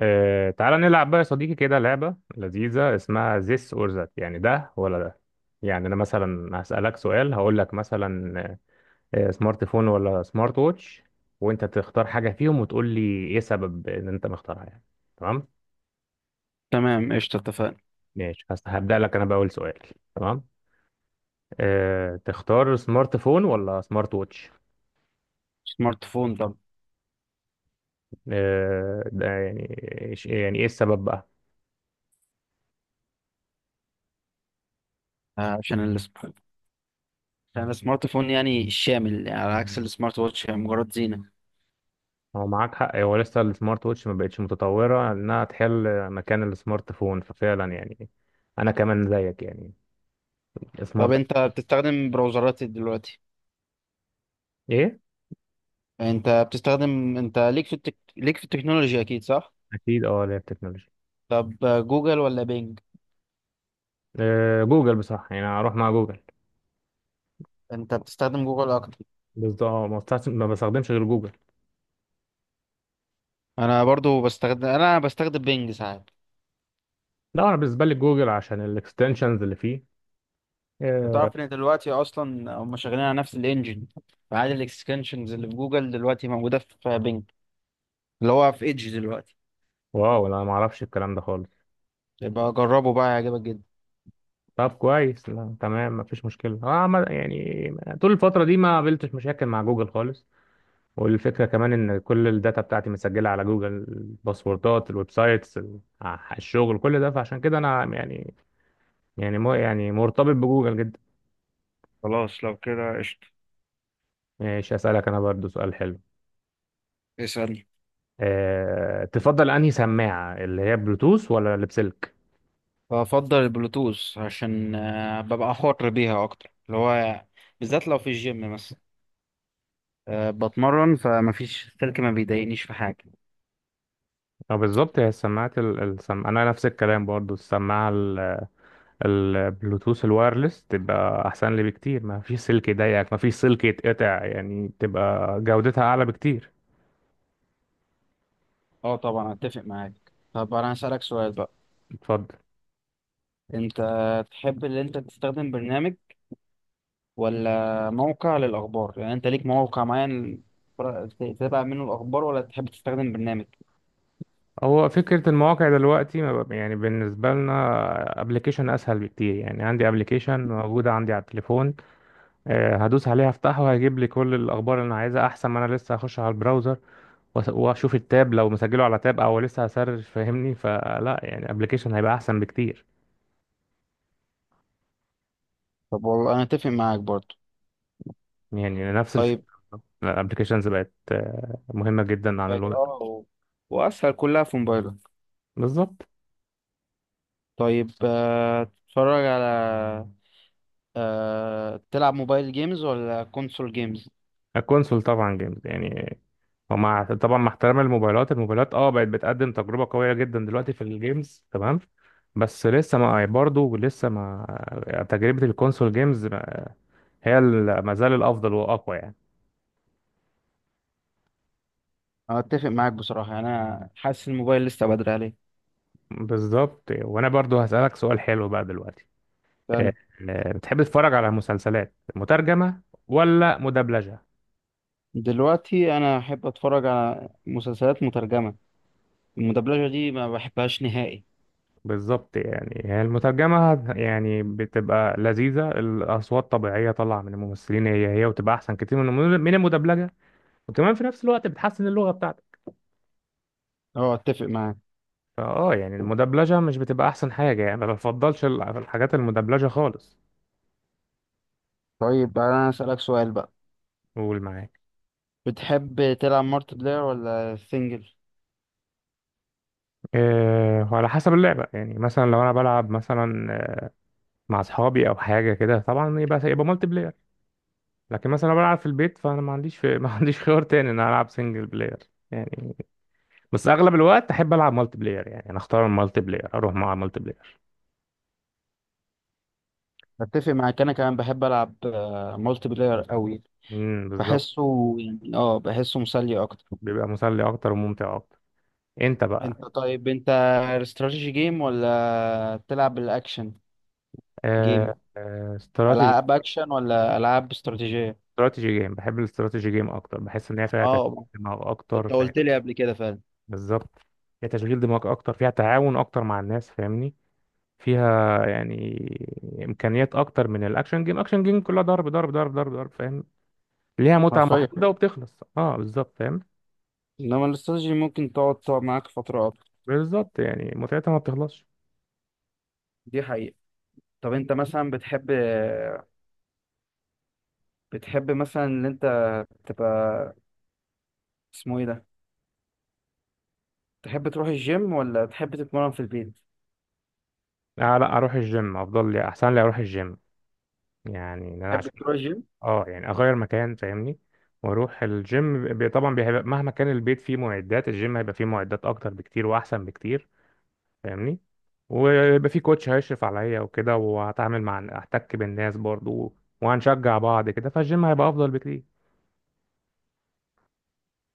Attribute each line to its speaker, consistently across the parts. Speaker 1: تعالى نلعب بقى يا صديقي كده لعبة لذيذة اسمها this or that، يعني ده ولا ده؟ يعني أنا مثلا هسألك سؤال، هقول لك مثلا سمارت فون ولا سمارت ووتش؟ وأنت تختار حاجة فيهم وتقول لي إيه سبب إن أنت مختارها يعني. تمام.
Speaker 2: تمام، قشطة، اتفقنا.
Speaker 1: ماشي، هبدأ لك أنا بأول سؤال. تمام. أه، تختار سمارت فون ولا سمارت ووتش؟
Speaker 2: سمارت فون. طب،
Speaker 1: أه، ده يعني يعني إيه السبب بقى؟
Speaker 2: عشان عشان السمارت فون يعني شامل، يعني على عكس السمارت واتش هي مجرد زينة.
Speaker 1: هو معاك حق، هو لسه السمارت ووتش ما بقتش متطورة انها تحل مكان السمارت فون، ففعلا يعني انا كمان زيك يعني
Speaker 2: طب،
Speaker 1: سمارت.
Speaker 2: انت بتستخدم براوزرات ايه دلوقتي؟
Speaker 1: ايه،
Speaker 2: انت بتستخدم انت ليك في التك... ليك في التكنولوجيا، اكيد صح؟
Speaker 1: اكيد اه، اللي هي التكنولوجيا.
Speaker 2: طب، جوجل ولا بينج؟
Speaker 1: جوجل بصراحة، يعني هروح مع جوجل.
Speaker 2: انت بتستخدم جوجل اكتر؟
Speaker 1: بالظبط، آه، ما بستخدمش غير جوجل.
Speaker 2: انا بستخدم بينج ساعات.
Speaker 1: لا انا بالنسبة لي جوجل عشان الاكستنشنز اللي فيه.
Speaker 2: انت
Speaker 1: آه،
Speaker 2: تعرف ان دلوقتي اصلا هم شغالين على نفس الانجن؟ فعادي، الاكستنشنز اللي في جوجل دلوقتي موجودة في بينج، اللي هو في ايدج دلوقتي.
Speaker 1: واو، لا ما اعرفش الكلام ده خالص.
Speaker 2: يبقى جربه بقى، هيعجبك جدا.
Speaker 1: طب كويس، لا تمام مفيش مشكلة، اه يعني طول الفترة دي ما قابلتش مشاكل مع جوجل خالص. والفكرة كمان إن كل الداتا بتاعتي مسجلة على جوجل، الباسوردات، الويب سايتس، الشغل، كل ده، فعشان كده أنا يعني يعني مو يعني مرتبط بجوجل جدا.
Speaker 2: خلاص لو كده قشطة.
Speaker 1: ماشي، أسألك أنا برضو سؤال حلو.
Speaker 2: اسأل.
Speaker 1: أه، تفضل، أنهي سماعة، اللي هي بلوتوث ولا اللي بسلك؟
Speaker 2: بفضل البلوتوث عشان ببقى حر بيها اكتر، اللي هو بالذات لو في الجيم مثلا، بتمرن، فمفيش السلك ما بيضايقنيش في حاجه.
Speaker 1: أه بالظبط، هي السماعات أنا نفس الكلام برضو، السماعة البلوتوث الوايرلس تبقى أحسن لي بكتير، ما فيش سلك يضايقك، ما فيش سلك يتقطع، يعني تبقى جودتها أعلى بكتير.
Speaker 2: اه، طبعا اتفق معاك. طب انا هسألك سؤال بقى.
Speaker 1: اتفضل.
Speaker 2: انت تحب ان انت تستخدم برنامج ولا موقع للاخبار؟ يعني انت ليك موقع معين تتابع منه الاخبار، ولا تحب تستخدم برنامج؟
Speaker 1: هو فكرة المواقع دلوقتي ما بقى- يعني بالنسبة لنا ابلكيشن اسهل بكتير، يعني عندي ابلكيشن موجودة عندي على التليفون. هدوس عليه هفتحه هيجيب لي كل الاخبار اللي انا عايزها، احسن ما انا لسه هخش على البراوزر واشوف التاب لو مسجله على تاب او لسه هسرش، فاهمني؟ فلا يعني ابلكيشن هيبقى احسن بكتير.
Speaker 2: طب والله انا اتفق معاك برضو.
Speaker 1: يعني نفس الفكرة.
Speaker 2: طيب.
Speaker 1: الابلكيشنز بقت مهمة جدا عن
Speaker 2: بقت
Speaker 1: الوقت.
Speaker 2: اه و- واسهل، كلها في موبايلك.
Speaker 1: بالظبط.
Speaker 2: طيب، آه، تتفرج على آه، تلعب موبايل جيمز ولا كونسول جيمز؟
Speaker 1: الكونسول طبعا جيمز يعني، ومع طبعا مع احترام الموبايلات، الموبايلات اه بقت بتقدم تجربة قوية جدا دلوقتي في الجيمز، تمام. بس لسه ما، برضه لسه ما، يعني تجربة الكونسول جيمز هي ما زال الأفضل وأقوى يعني.
Speaker 2: انا اتفق معاك بصراحه، يعني انا حاسس الموبايل لسه بدري عليه.
Speaker 1: بالظبط. وأنا برضه هسألك سؤال حلو بقى دلوقتي. آه،
Speaker 2: يعني
Speaker 1: بتحب تتفرج على مسلسلات مترجمة ولا مدبلجة؟
Speaker 2: دلوقتي انا احب اتفرج على مسلسلات مترجمه. المدبلجه دي ما بحبهاش نهائي.
Speaker 1: بالظبط، يعني هي المترجمة يعني بتبقى لذيذة، الأصوات طبيعية طالعة من الممثلين هي هي، وتبقى أحسن كتير من من المدبلجة. وكمان في نفس الوقت بتحسن اللغة بتاعتك.
Speaker 2: اه، اتفق معاك.
Speaker 1: فاه يعني المدبلجة مش بتبقى احسن حاجة، يعني ما بفضلش الحاجات المدبلجة خالص.
Speaker 2: طيب انا اسالك سؤال بقى.
Speaker 1: قول معاك.
Speaker 2: بتحب تلعب مالتي بلاير ولا سنجل؟
Speaker 1: أه، على حسب اللعبة يعني، مثلا لو انا بلعب مثلا، آه، مع اصحابي او حاجة كده، طبعا يبقى مالتي بلاير. لكن مثلا لو بلعب في البيت، فانا ما عنديش في... ما عنديش خيار تاني ان انا العب سنجل بلاير يعني. بس اغلب الوقت احب العب مالتي بلاير، يعني انا اختار المالتي بلاير، اروح مع مالتي بلاير.
Speaker 2: اتفق معاك، انا كمان بحب العب مالتي بلاير قوي.
Speaker 1: بالظبط.
Speaker 2: بحسه يعني اه بحسه مسلي اكتر.
Speaker 1: بيبقى مسلي اكتر وممتع اكتر. انت بقى.
Speaker 2: انت، استراتيجي جيم ولا بتلعب بالاكشن جيم؟
Speaker 1: استراتيجي.
Speaker 2: العاب اكشن ولا العاب استراتيجيه؟
Speaker 1: استراتيجي جيم، بحب الاستراتيجي جيم اكتر، بحس ان هي فيها تشغيل
Speaker 2: اه.
Speaker 1: دماغ اكتر،
Speaker 2: انت
Speaker 1: فاهم؟
Speaker 2: قلت لي قبل كده فعلا.
Speaker 1: بالظبط، فيها تشغيل دماغ اكتر، فيها تعاون اكتر مع الناس، فاهمني؟ فيها يعني امكانيات اكتر من الاكشن جيم. اكشن جيم كلها ضرب ضرب ضرب ضرب ضرب، فاهم؟ ليها متعه
Speaker 2: حرفيا.
Speaker 1: محدوده وبتخلص، اه بالظبط فاهم.
Speaker 2: انما الاستراتيجي ممكن تقعد معاك فتره اكتر.
Speaker 1: بالظبط، يعني متعتها ما بتخلصش.
Speaker 2: دي حقيقه. طب انت مثلا بتحب مثلا ان انت تبقى، اسمه ايه ده، تحب تروح الجيم ولا تحب تتمرن في البيت؟
Speaker 1: آه لا، اروح الجيم افضل لي، احسن لي اروح الجيم، يعني ان انا
Speaker 2: تحب
Speaker 1: عشان
Speaker 2: تروح الجيم.
Speaker 1: اه يعني اغير مكان، فاهمني؟ واروح الجيم طبعا بيبقى مهما كان البيت فيه معدات الجيم، هيبقى فيه معدات اكتر بكتير واحسن بكتير، فاهمني؟ ويبقى فيه كوتش هيشرف عليا وكده، وهتعامل مع احتك بالناس برضو، وهنشجع بعض كده، فالجيم هيبقى افضل بكتير.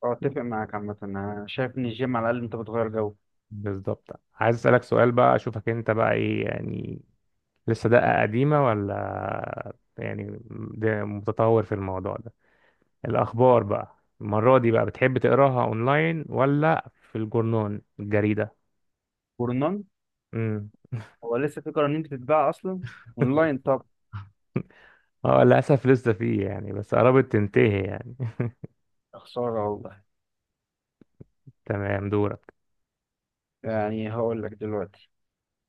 Speaker 2: اه، اتفق معاك. عامه انا شايف ان الجيم على الاقل انت بتغير جو.
Speaker 1: بالظبط. عايز اسالك سؤال بقى، اشوفك انت بقى ايه يعني، لسه دقة قديمة ولا يعني ده متطور في الموضوع ده. الأخبار بقى المرة دي بقى، بتحب تقراها أونلاين ولا في الجورنال الجريدة؟
Speaker 2: جورنان.
Speaker 1: امم.
Speaker 2: هو لسه في قرانين بتتباع اصلا؟ اونلاين طبعا.
Speaker 1: اه للأسف لسه فيه يعني، بس قربت تنتهي يعني.
Speaker 2: خسارة والله.
Speaker 1: تمام، دورك.
Speaker 2: يعني هقول لك دلوقتي،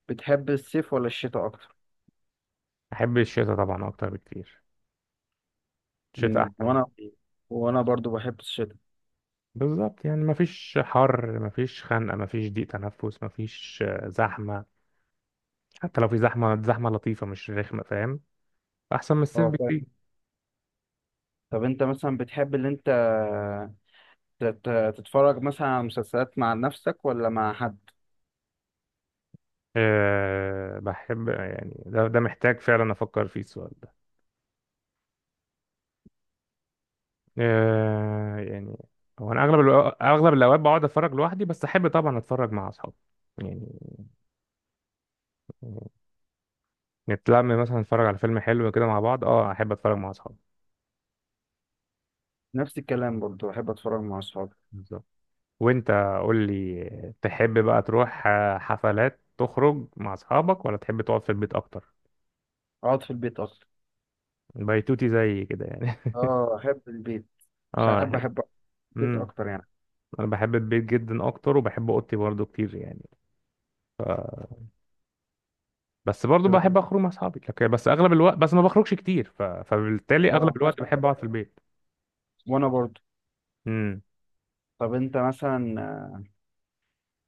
Speaker 2: بتحب الصيف ولا الشتاء أكتر؟
Speaker 1: أحب الشتاء طبعا أكتر بكتير، الشتاء
Speaker 2: مم،
Speaker 1: أحسن
Speaker 2: وأنا
Speaker 1: بكتير.
Speaker 2: وأنا برضو بحب الشتاء.
Speaker 1: بالظبط، يعني مفيش حر، مفيش خنقة، مفيش ضيق تنفس، مفيش زحمة. حتى لو في زحمة، زحمة لطيفة مش رخمة فاهم. أحسن من الصيف
Speaker 2: اه، فاهم.
Speaker 1: بكتير.
Speaker 2: طب أنت مثلا بتحب اللي أنت تتفرج مثلا على مسلسلات مع نفسك ولا مع حد؟
Speaker 1: أه بحب، يعني ده، ده محتاج فعلا أفكر فيه السؤال ده. آه، يعني هو انا اغلب الاوقات بقعد اتفرج لوحدي، بس احب طبعا اتفرج مع اصحابي يعني، نتلم مثلا نتفرج على فيلم حلو كده مع بعض، اه احب اتفرج مع اصحابي.
Speaker 2: نفس الكلام برضو، بحب أتفرج مع أصحابي.
Speaker 1: بالظبط. وانت قول لي، تحب بقى تروح آه، حفلات تخرج مع اصحابك ولا تحب تقعد في البيت اكتر؟
Speaker 2: أقعد في البيت أكتر.
Speaker 1: بيتوتي زي كده يعني.
Speaker 2: اه، أحب البيت.
Speaker 1: اه
Speaker 2: ساعات
Speaker 1: احب.
Speaker 2: بحب أقعد في البيت
Speaker 1: امم.
Speaker 2: أكتر يعني.
Speaker 1: انا بحب البيت جدا اكتر، وبحب اوضتي برضو كتير يعني. بس برضو
Speaker 2: طب،
Speaker 1: بحب اخرج مع اصحابي، لكن بس اغلب الوقت بس ما بخرجش كتير، ف... فبالتالي اغلب
Speaker 2: اه، نفس.
Speaker 1: الوقت بحب اقعد في البيت.
Speaker 2: وأنا برضو.
Speaker 1: امم.
Speaker 2: طب أنت مثلا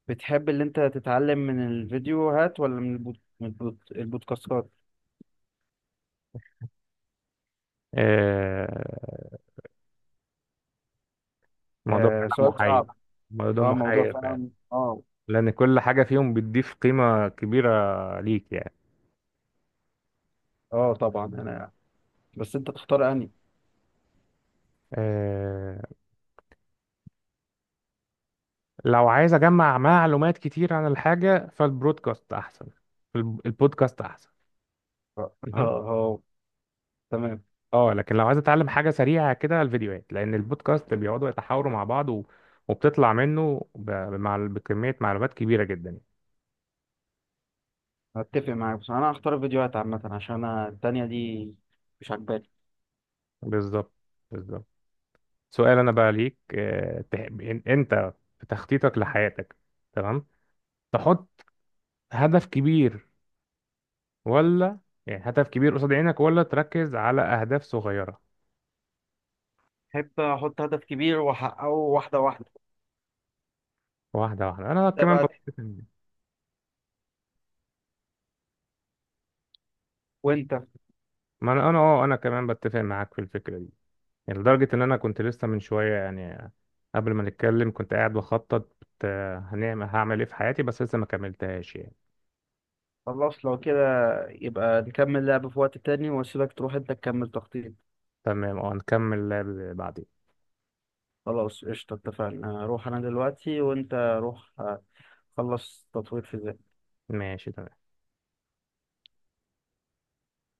Speaker 2: بتحب اللي أنت تتعلم من الفيديوهات ولا من البودكاستات؟
Speaker 1: آه. الموضوع
Speaker 2: آه،
Speaker 1: فعلا
Speaker 2: سؤال
Speaker 1: محير.
Speaker 2: صعب.
Speaker 1: الموضوع ده
Speaker 2: اه، موضوع
Speaker 1: محير فعلا.
Speaker 2: فعلا، اه.
Speaker 1: لان كل حاجه فيهم بتضيف قيمه كبيره ليك يعني.
Speaker 2: اه، طبعا انا، بس انت تختار اني.
Speaker 1: آه، لو عايز اجمع معلومات كتير عن الحاجه فالبرودكاست احسن. البودكاست احسن.
Speaker 2: اه.
Speaker 1: تمام.
Speaker 2: آه، تمام.
Speaker 1: اه لكن لو عايز اتعلم حاجه سريعه كده، الفيديوهات، لان البودكاست بيقعدوا يتحاوروا مع بعض و... وبتطلع منه ب... مع... بكميه معلومات كبيره جدا.
Speaker 2: هتفق معاك، بس انا هختار الفيديوهات عامة عشان انا التانية دي مش عجباني.
Speaker 1: بالظبط. بالظبط. سؤال انا بقى ليك، آه، انت في تخطيطك لحياتك، تمام، تحط هدف كبير ولا، يعني هدف كبير قصاد عينك ولا تركز على اهداف صغيره؟
Speaker 2: بحب احط هدف كبير واحققه واحدة واحدة.
Speaker 1: واحده واحده، انا
Speaker 2: ده
Speaker 1: كمان
Speaker 2: بقى،
Speaker 1: بتفق معاك.
Speaker 2: وانت؟
Speaker 1: ما انا انا اه، انا كمان بتفق معاك في الفكره دي. يعني لدرجه ان انا كنت لسه من شويه يعني، قبل ما نتكلم كنت قاعد بخطط آه، هعمل ايه في حياتي، بس لسه ما كملتهاش يعني.
Speaker 2: خلاص لو كده، يبقى نكمل لعب في وقت تاني، واسيبك تروح انت تكمل تخطيط.
Speaker 1: تمام اه، نكمل بعدين.
Speaker 2: خلاص، قشطة، اتفقنا. اروح انا دلوقتي، وانت روح خلص تطوير في
Speaker 1: ماشي تمام.